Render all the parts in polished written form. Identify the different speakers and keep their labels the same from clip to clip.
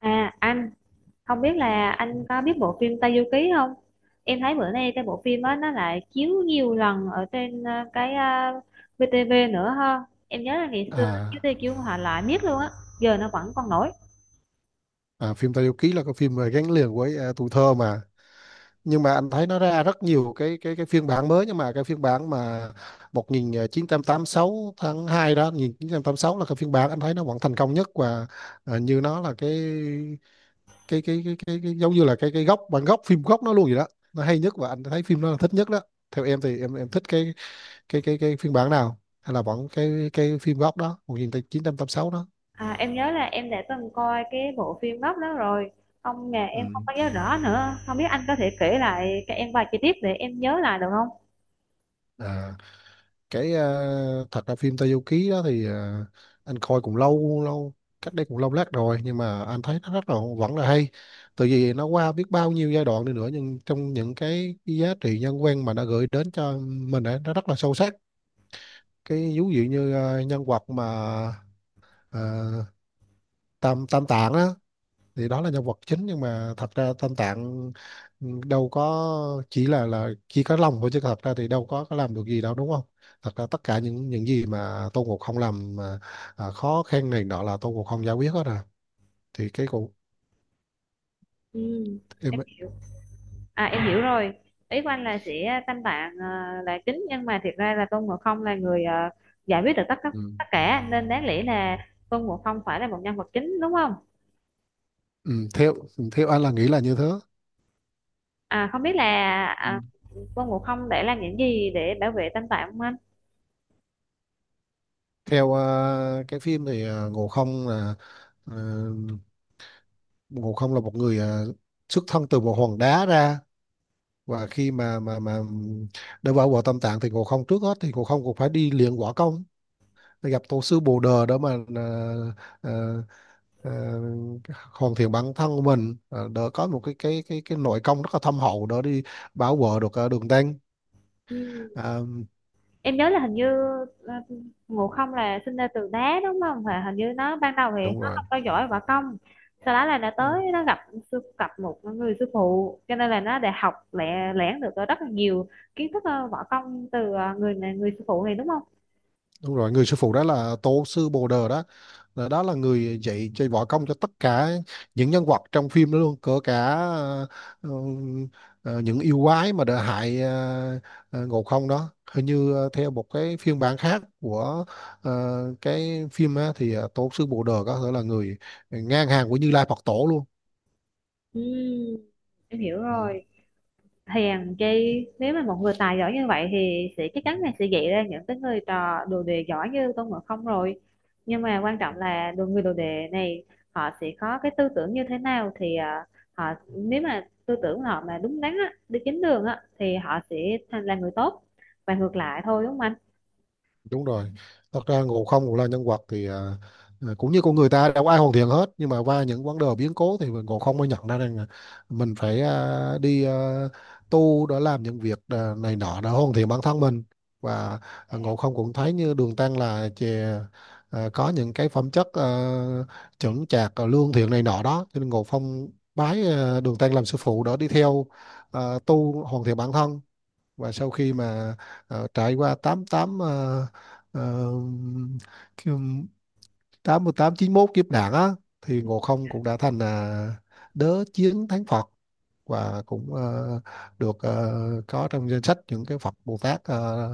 Speaker 1: À anh không biết là anh có biết bộ phim Tây Du Ký không? Em thấy bữa nay cái bộ phim đó nó lại chiếu nhiều lần ở trên VTV nữa ha. Em nhớ là ngày xưa nó chiếu
Speaker 2: À,
Speaker 1: Tây chiếu họ lại miết luôn á, giờ nó vẫn còn nổi.
Speaker 2: Phim Tây Du Ký là cái phim mà gắn liền với tuổi thơ mà nhưng mà anh thấy nó ra rất nhiều cái phiên bản mới, nhưng mà cái phiên bản mà một nghìn chín trăm tám mươi sáu tháng 2 đó, 1986 là cái phiên bản anh thấy nó vẫn thành công nhất. Và như nó là cái giống như là cái gốc, bản gốc, phim gốc nó luôn vậy đó, nó hay nhất và anh thấy phim nó là thích nhất đó. Theo em thì em thích cái phiên bản nào, hay là vẫn cái phim gốc đó 1986 đó?
Speaker 1: À, em nhớ là em đã từng coi cái bộ phim gốc đó rồi. Không mà em không
Speaker 2: Ừ.
Speaker 1: có nhớ rõ nữa. Không biết anh có thể kể lại cho em vài chi tiết để em nhớ lại được không?
Speaker 2: À. Cái thật ra phim Tayuki đó thì anh coi cũng lâu lâu, cách đây cũng lâu lát rồi, nhưng mà anh thấy nó rất là vẫn là hay, từ vì nó qua biết bao nhiêu giai đoạn đi nữa, nhưng trong những cái giá trị nhân văn mà nó gửi đến cho mình ấy, nó rất là sâu sắc. Cái ví dụ như nhân vật mà ờ, Tam Tam Tạng á, thì đó là nhân vật chính nhưng mà thật ra Tam Tạng, đâu có chỉ là chỉ có lòng thôi chứ thật ra thì đâu có làm được gì đâu, đúng không? Thật ra tất cả những gì mà Tôn Ngộ Không làm mà, khó khăn này nọ là Tôn Ngộ Không giải quyết hết rồi, thì cái cụ
Speaker 1: Ừ, em
Speaker 2: em.
Speaker 1: hiểu. À em hiểu rồi. Ý của anh là sẽ tam tạng là chính nhưng mà thiệt ra là Tôn Ngộ Không là người giải quyết được tất tất
Speaker 2: Ừ.
Speaker 1: tất cả nên đáng lẽ là Tôn Ngộ Không phải là một nhân vật chính đúng không?
Speaker 2: Theo anh là nghĩ là như thế.
Speaker 1: À không biết là
Speaker 2: Ừ.
Speaker 1: à, Tôn Ngộ Không đã làm những gì để bảo vệ tam tạng không anh?
Speaker 2: Theo cái phim thì, ờ, Ngộ Không là một người, xuất thân từ một hòn đá ra, và khi mà để vào quả tâm tạng thì Ngộ Không trước hết thì Ngộ Không cũng phải đi luyện võ công, gặp tổ sư Bồ Đờ đó mà à, à, hoàn thiện bản thân của mình. Ờ, Đỡ có một cái nội công rất là thâm hậu, đỡ đi bảo vệ được đường tăng.
Speaker 1: Ừ,
Speaker 2: à,
Speaker 1: em nhớ là hình như ờ, Ngộ Không là sinh ra từ đá đúng không và hình như nó ban đầu thì
Speaker 2: Đúng
Speaker 1: nó
Speaker 2: rồi.
Speaker 1: không có giỏi võ công sau đó là nó
Speaker 2: Ừ.
Speaker 1: tới nó gặp sư gặp một người sư phụ cho nên là nó đã học lẻ lẻn được rất là nhiều kiến thức võ công từ người này người sư phụ này đúng không?
Speaker 2: Đúng rồi, người sư phụ đó là tổ sư Bồ Đờ đó. Đó là người dạy dạy võ công cho tất cả những nhân vật trong phim đó luôn, cỡ cả ừ, những yêu quái mà đã hại Ngộ Không đó. Hình như theo một cái phiên bản khác của ờ, cái phim á, thì tổ sư Bồ Đờ có thể là người ngang hàng của Như Lai Phật Tổ luôn.
Speaker 1: Ừ, em hiểu rồi. Hèn chi nếu mà một người tài giỏi như vậy thì sẽ chắc
Speaker 2: Ừ.
Speaker 1: chắn là sẽ dạy ra những cái người trò đồ đệ giỏi như Tôn Ngộ Không rồi, nhưng mà quan trọng là đồ người đồ đệ này họ sẽ có cái tư tưởng như thế nào thì họ, nếu mà tư tưởng họ mà đúng đắn á, đi chính đường á thì họ sẽ thành là người tốt và ngược lại thôi đúng không anh?
Speaker 2: Đúng rồi, thật ra Ngộ Không cũng là nhân vật thì cũng như con người ta đâu có ai hoàn thiện hết, nhưng mà qua những vấn đề biến cố thì Ngộ Không mới nhận ra rằng là mình phải đi tu để làm những việc này nọ để hoàn thiện bản thân mình. Và Ngộ Không cũng thấy như Đường Tăng là chè, có những cái phẩm chất, chững chạc, lương thiện này nọ đó, cho nên Ngộ Không bái Đường Tăng làm sư phụ để đi theo tu hoàn thiện bản thân. Và sau khi mà trải qua tám tám ờ, ờ, kiểu tám mươi tám chín mốt kiếp nạn á, thì Ngộ Không cũng đã thành là đớ chiến thánh Phật, và cũng được ờ, có trong danh sách những cái Phật Bồ Tát, ờ,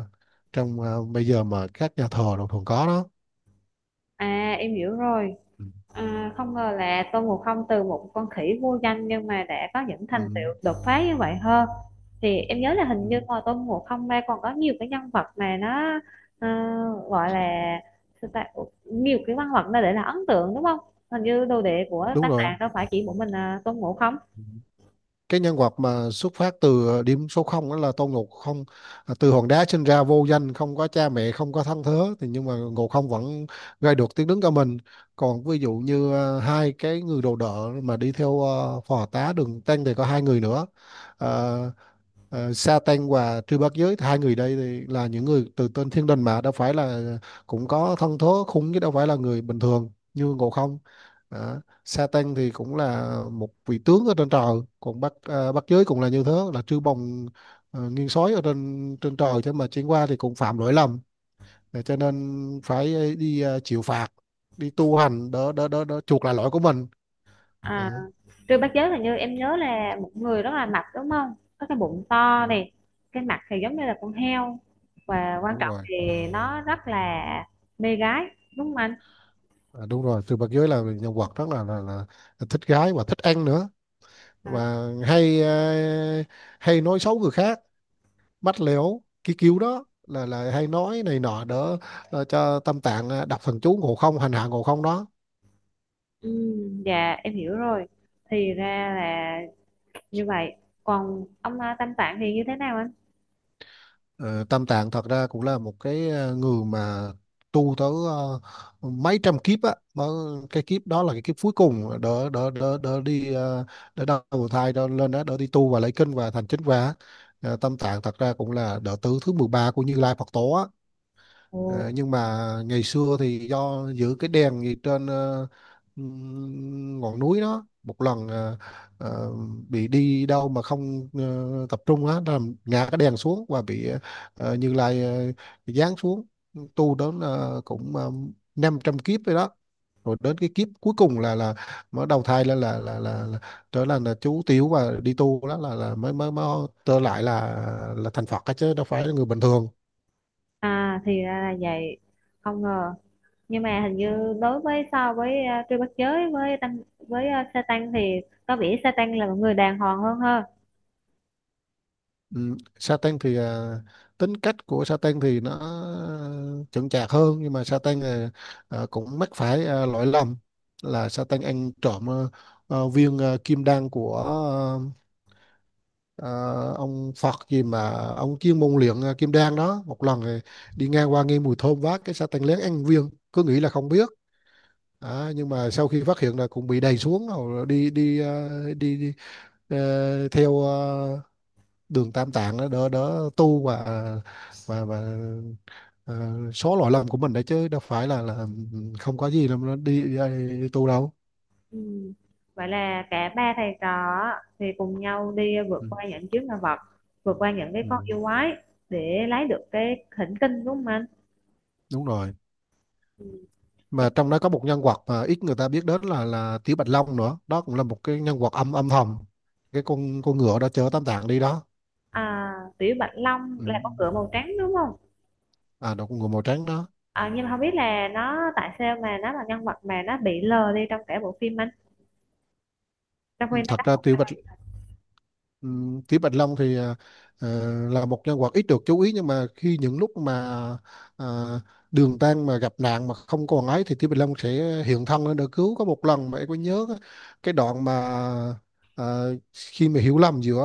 Speaker 2: trong ờ, bây giờ mà các nhà thờ đồng thường có đó.
Speaker 1: À em hiểu rồi.
Speaker 2: Ừ.
Speaker 1: À, không ngờ là Tôn Ngộ Không từ một con khỉ vô danh nhưng mà đã có những thành
Speaker 2: Ừ.
Speaker 1: tựu đột phá như vậy hơn, thì em nhớ là hình
Speaker 2: Ừ.
Speaker 1: như ngoài Tôn Ngộ Không ra còn có nhiều cái nhân vật mà nó ờ, gọi là sao ta? Ủa, nhiều cái nhân vật nó để là ấn tượng đúng không, hình như đồ đệ của
Speaker 2: Đúng
Speaker 1: tác
Speaker 2: rồi.
Speaker 1: giả đâu phải chỉ một mình Tôn Ngộ Không.
Speaker 2: Cái nhân vật mà xuất phát từ điểm số không đó là Tôn Ngộ Không. À, từ hòn đá sinh ra vô danh, không có cha mẹ, không có thân thế, thì nhưng mà Ngộ Không vẫn gây được tiếng đứng cho mình. Còn ví dụ như hai cái người đồ đỡ mà đi theo phò tá Đường Tăng thì có hai người nữa, à, Satan và Trư Bát Giới, hai người đây thì là những người từ tên thiên đình, mà đâu phải là, cũng có thân thố khủng chứ đâu phải là người bình thường như Ngộ Không. Đó. Satan thì cũng là một vị tướng ở trên trời, còn Bát Giới cũng là như thế, là Trư Bồng, nguyên soái ở trên trên trời, thế mà chuyển qua thì cũng phạm lỗi lầm. Để cho nên phải đi chịu phạt, đi tu hành đỡ chuộc lại lỗi của mình. Đó.
Speaker 1: à, Trư Bát Giới hình như em nhớ là một người rất là mập đúng không, có cái bụng
Speaker 2: Ừ,
Speaker 1: to này, cái mặt thì giống như là con heo, và quan
Speaker 2: đúng
Speaker 1: trọng
Speaker 2: rồi.
Speaker 1: thì nó rất là mê gái đúng không anh?
Speaker 2: À, đúng rồi, Từ Bạc Giới là nhân vật rất là thích gái và thích ăn nữa,
Speaker 1: À,
Speaker 2: và hay nói xấu người khác, bắt lẻo cái kiểu đó là hay nói này nọ đỡ, cho Tam Tạng đọc thần chú Ngộ Không, hành hạ Ngộ Không đó.
Speaker 1: dạ em hiểu rồi. Thì ra là như vậy. Còn ông Tam Tạng thì như thế nào anh?
Speaker 2: Ờ, Tam Tạng thật ra cũng là một cái người mà tu tới mấy trăm kiếp á, mà cái kiếp đó là cái kiếp cuối cùng, đỡ đỡ đỡ đỡ đi đỡ đầu thai đỡ lên đó, đỡ đi tu và lấy kinh và thành chính quả. Ờ, Tam Tạng thật ra cũng là đệ tử thứ 13 của Như Lai Phật tổ á.
Speaker 1: Ồ.
Speaker 2: Ờ, nhưng mà ngày xưa thì do giữ cái đèn gì trên ngọn núi đó, một lần ờ, bị đi đâu mà không tập trung á, làm ngã cái đèn xuống, và bị Như Lai giáng xuống, tu đến cũng 500 kiếp rồi đó, rồi đến cái kiếp cuối cùng là mới đầu thai lên là trở là chú Tiểu, và đi tu đó là mới mới mới trở lại là thành Phật á, chứ đâu phải là người bình thường.
Speaker 1: À thì ra là vậy. Không ngờ. Nhưng mà hình như đối với so với Trư Bát Giới với tăng với Sa Tăng thì có vẻ Sa Tăng là một người đàng hoàng hơn ha.
Speaker 2: Ừ, Satan thì tính cách của Satan thì nó chững chạc hơn, nhưng mà Satan cũng mắc phải lỗi lầm, là Satan ăn trộm viên kim đan của à, ông Phật gì mà ông chuyên môn luyện kim đan đó. Một lần thì đi ngang qua nghe mùi thơm, vác cái Satan lén ăn viên, cứ nghĩ là không biết. À, nhưng mà sau khi phát hiện là cũng bị đày xuống, rồi đi theo đường tam tạng đó, đỡ đỡ tu và ờ, số lỗi lầm của mình đấy, chứ đâu phải là không có gì đâu, nó đi tu đâu.
Speaker 1: Ừm, Vậy là cả ba thầy trò á, thì cùng nhau đi vượt
Speaker 2: ừ,
Speaker 1: qua những chướng ngại vật, vượt qua những cái con
Speaker 2: ừ,
Speaker 1: yêu quái để lấy được cái thỉnh kinh đúng không anh?
Speaker 2: Đúng rồi,
Speaker 1: Ừm.
Speaker 2: mà trong đó có một nhân vật mà ít người ta biết đến là Tiểu Bạch Long nữa đó, cũng là một cái nhân vật âm âm thầm, cái con ngựa đó chở tam tạng đi đó.
Speaker 1: À, Tiểu Bạch Long
Speaker 2: Ừ.
Speaker 1: là con ngựa màu trắng đúng không?
Speaker 2: À, đó con ngựa màu trắng đó.
Speaker 1: À, nhưng mà không biết là nó tại sao mà nó là nhân vật mà nó bị lờ đi trong cả bộ phim anh. Trong khi
Speaker 2: Ừ,
Speaker 1: nó
Speaker 2: thật
Speaker 1: đóng
Speaker 2: ra
Speaker 1: một vai-
Speaker 2: Ừ, Kỷ Bạch Long thì là một nhân vật ít được chú ý, nhưng mà khi những lúc mà à, Đường Tăng mà gặp nạn mà không còn ấy, thì Kỷ Bạch Long sẽ hiện thân lên để cứu. Có một lần mà em có nhớ cái đoạn mà à, khi mà hiểu lầm giữa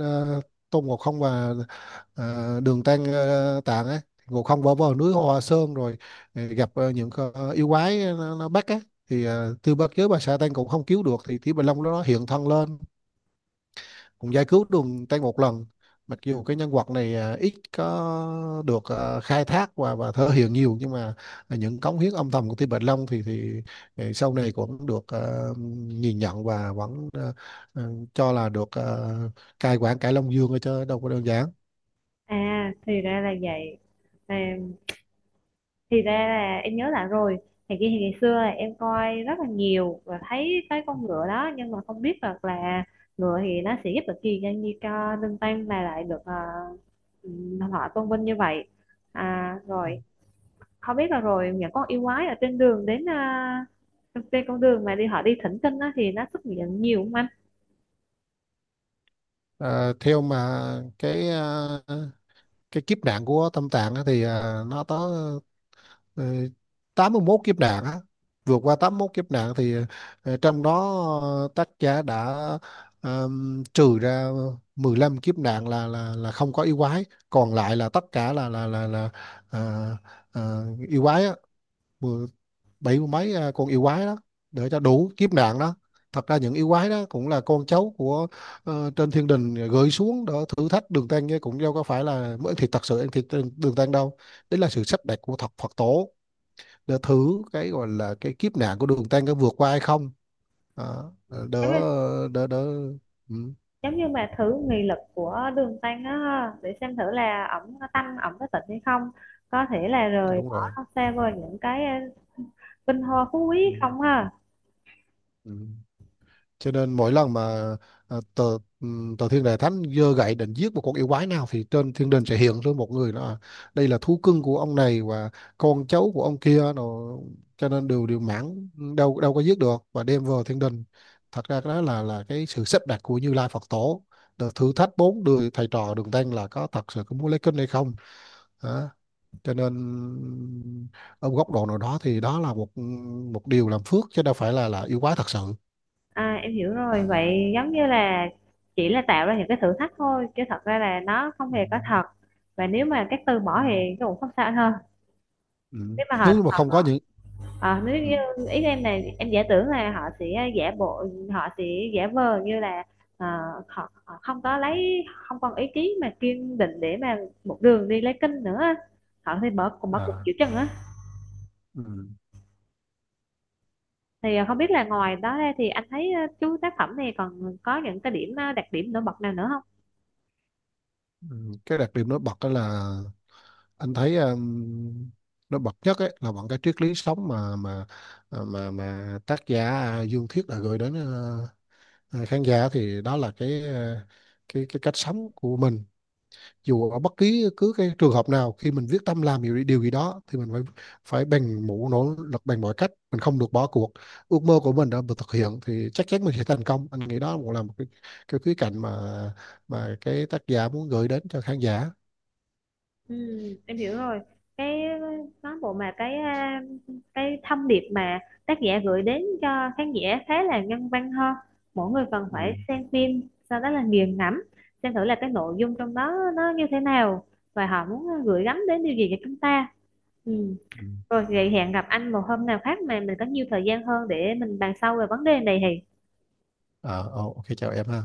Speaker 2: à, Tôn Ngộ Không và Tạng ấy, Ngộ Không bỏ vào núi Hoa Sơn, rồi gặp những con yêu quái, nó bắt á, thì Tư Bất Giới và Sa Tăng cũng không cứu được, thì Kỷ Bạch Long nó hiện thân lên cũng giải cứu đường tay một lần. Mặc dù cái nhân vật này ít có được khai thác và thể hiện nhiều, nhưng mà những cống hiến âm thầm của Tiêu Bạch Long thì thì sau này cũng được nhìn nhận, và vẫn à, cho là được cai quản cải Long Dương ở, chứ đâu có đơn giản.
Speaker 1: À, thì ra là vậy. À, thì ra là em nhớ lại rồi. Thì kia thì ngày xưa là em coi rất là nhiều và thấy cái con ngựa đó nhưng mà không biết được là ngựa thì nó sẽ giúp được gì cho như cho Linh Tam mà lại được ừ, họ tôn vinh như vậy. À, rồi không biết là rồi những con yêu quái ở trên đường đến trên con đường mà đi họ đi thỉnh kinh á, thì nó xuất hiện nhiều không anh?
Speaker 2: À, theo mà cái à, cái kiếp nạn của Tâm Tạng á thì nó có, Ờ, 81 kiếp nạn á. Vượt qua 81 kiếp nạn thì trong đó, tác giả đã trừ ra 15 kiếp nạn là không có yêu quái, còn lại là tất cả là à, à, yêu quái á. Mười- Bảy mươi mấy con yêu quái đó để cho đủ kiếp nạn đó. Thật ra những yêu quái đó cũng là con cháu của trên thiên đình, gửi xuống để thử thách Đường Tăng, chứ cũng đâu có phải là mới thì thật sự ăn thịt trên Đường Tăng đâu, đấy là sự sắp đặt của thật Phật tổ, để thử cái gọi là cái kiếp nạn của đường tăng có vượt qua hay không. Đó.
Speaker 1: giống
Speaker 2: Đỡ
Speaker 1: như,
Speaker 2: đỡ đỡ Ừ.
Speaker 1: giống như mà thử nghị lực của đường tăng á, để xem thử là ổng có tăng ổng có tịnh hay không, có thể là
Speaker 2: À,
Speaker 1: rời
Speaker 2: đúng rồi.
Speaker 1: bỏ xa vời những cái vinh hoa phú
Speaker 2: Ừ.
Speaker 1: quý không ha?
Speaker 2: Ừ. Cho nên mỗi lần mà à, tờ ừ, tờ thiên đà thánh giơ gậy định giết một con yêu quái nào, thì trên thiên đình sẽ hiện ra một người đó, đây là thú cưng của ông này, và con cháu của ông kia, rồi cho nên đều đều mãn, đâu đâu có giết được và đem vào thiên đình. Thật ra cái đó là cái sự sắp đặt của Như Lai Phật Tổ. Đợt thử thách bốn đời thầy trò Đường Tăng là có thật sự có muốn lấy kinh hay không. Đó. Cho nên ở một góc độ nào đó thì đó là một một điều làm phước, chứ đâu phải là yêu quái thật sự.
Speaker 1: À, em hiểu rồi, vậy giống như là chỉ là tạo ra những cái thử thách thôi chứ thật ra là nó không
Speaker 2: Ừ.
Speaker 1: hề có thật, và nếu mà các từ
Speaker 2: Ừ.
Speaker 1: bỏ thì cũng không sao anh ha.
Speaker 2: Ừ.
Speaker 1: nếu mà họ
Speaker 2: Nếu như mà không
Speaker 1: họ
Speaker 2: có những...
Speaker 1: Ờ, nếu như
Speaker 2: Ừ.
Speaker 1: ý em là em giả tưởng là họ sẽ giả bộ, họ sẽ giả vờ như là ờ, họ không có lấy không còn ý chí mà kiên định để mà một đường đi lấy kinh nữa, họ thì bỏ cùng bỏ cuộc
Speaker 2: À.
Speaker 1: chịu chân á.
Speaker 2: Ừ.
Speaker 1: Thì không biết là ngoài đó ra thì anh thấy chú tác phẩm này còn có những cái điểm đặc điểm nổi bật nào nữa?
Speaker 2: Ừ. Cái đặc điểm nổi bật đó là anh thấy, nó bật nhất ấy, là bằng cái triết lý sống mà tác giả, Dương Thiết đã gửi đến khán giả, thì đó là cái, cái cách sống của mình. Dù ở bất kỳ cứ cái trường hợp nào, khi mình quyết tâm làm điều gì đó thì mình phải phải bằng mũ nỗ lực, bằng mọi cách mình không được bỏ cuộc, ước mơ của mình đã được thực hiện thì chắc chắn mình sẽ thành công. Anh nghĩ đó cũng là một cái khía cạnh mà cái tác giả muốn gửi đến cho khán giả.
Speaker 1: Ừ, em hiểu rồi. Cái cán bộ mà cái cái thông điệp mà tác giả gửi đến cho khán giả khá là nhân văn hơn. Mỗi người cần
Speaker 2: Ừ.
Speaker 1: phải xem phim, sau đó là nghiền ngẫm, xem thử là cái nội dung trong đó nó như thế nào và họ muốn gửi gắm đến điều gì cho chúng ta. Ừ.
Speaker 2: Ừ.
Speaker 1: Rồi vậy hẹn gặp anh một hôm nào khác mà mình có nhiều thời gian hơn để mình bàn sâu về vấn đề này thì
Speaker 2: À, ok chào em ha.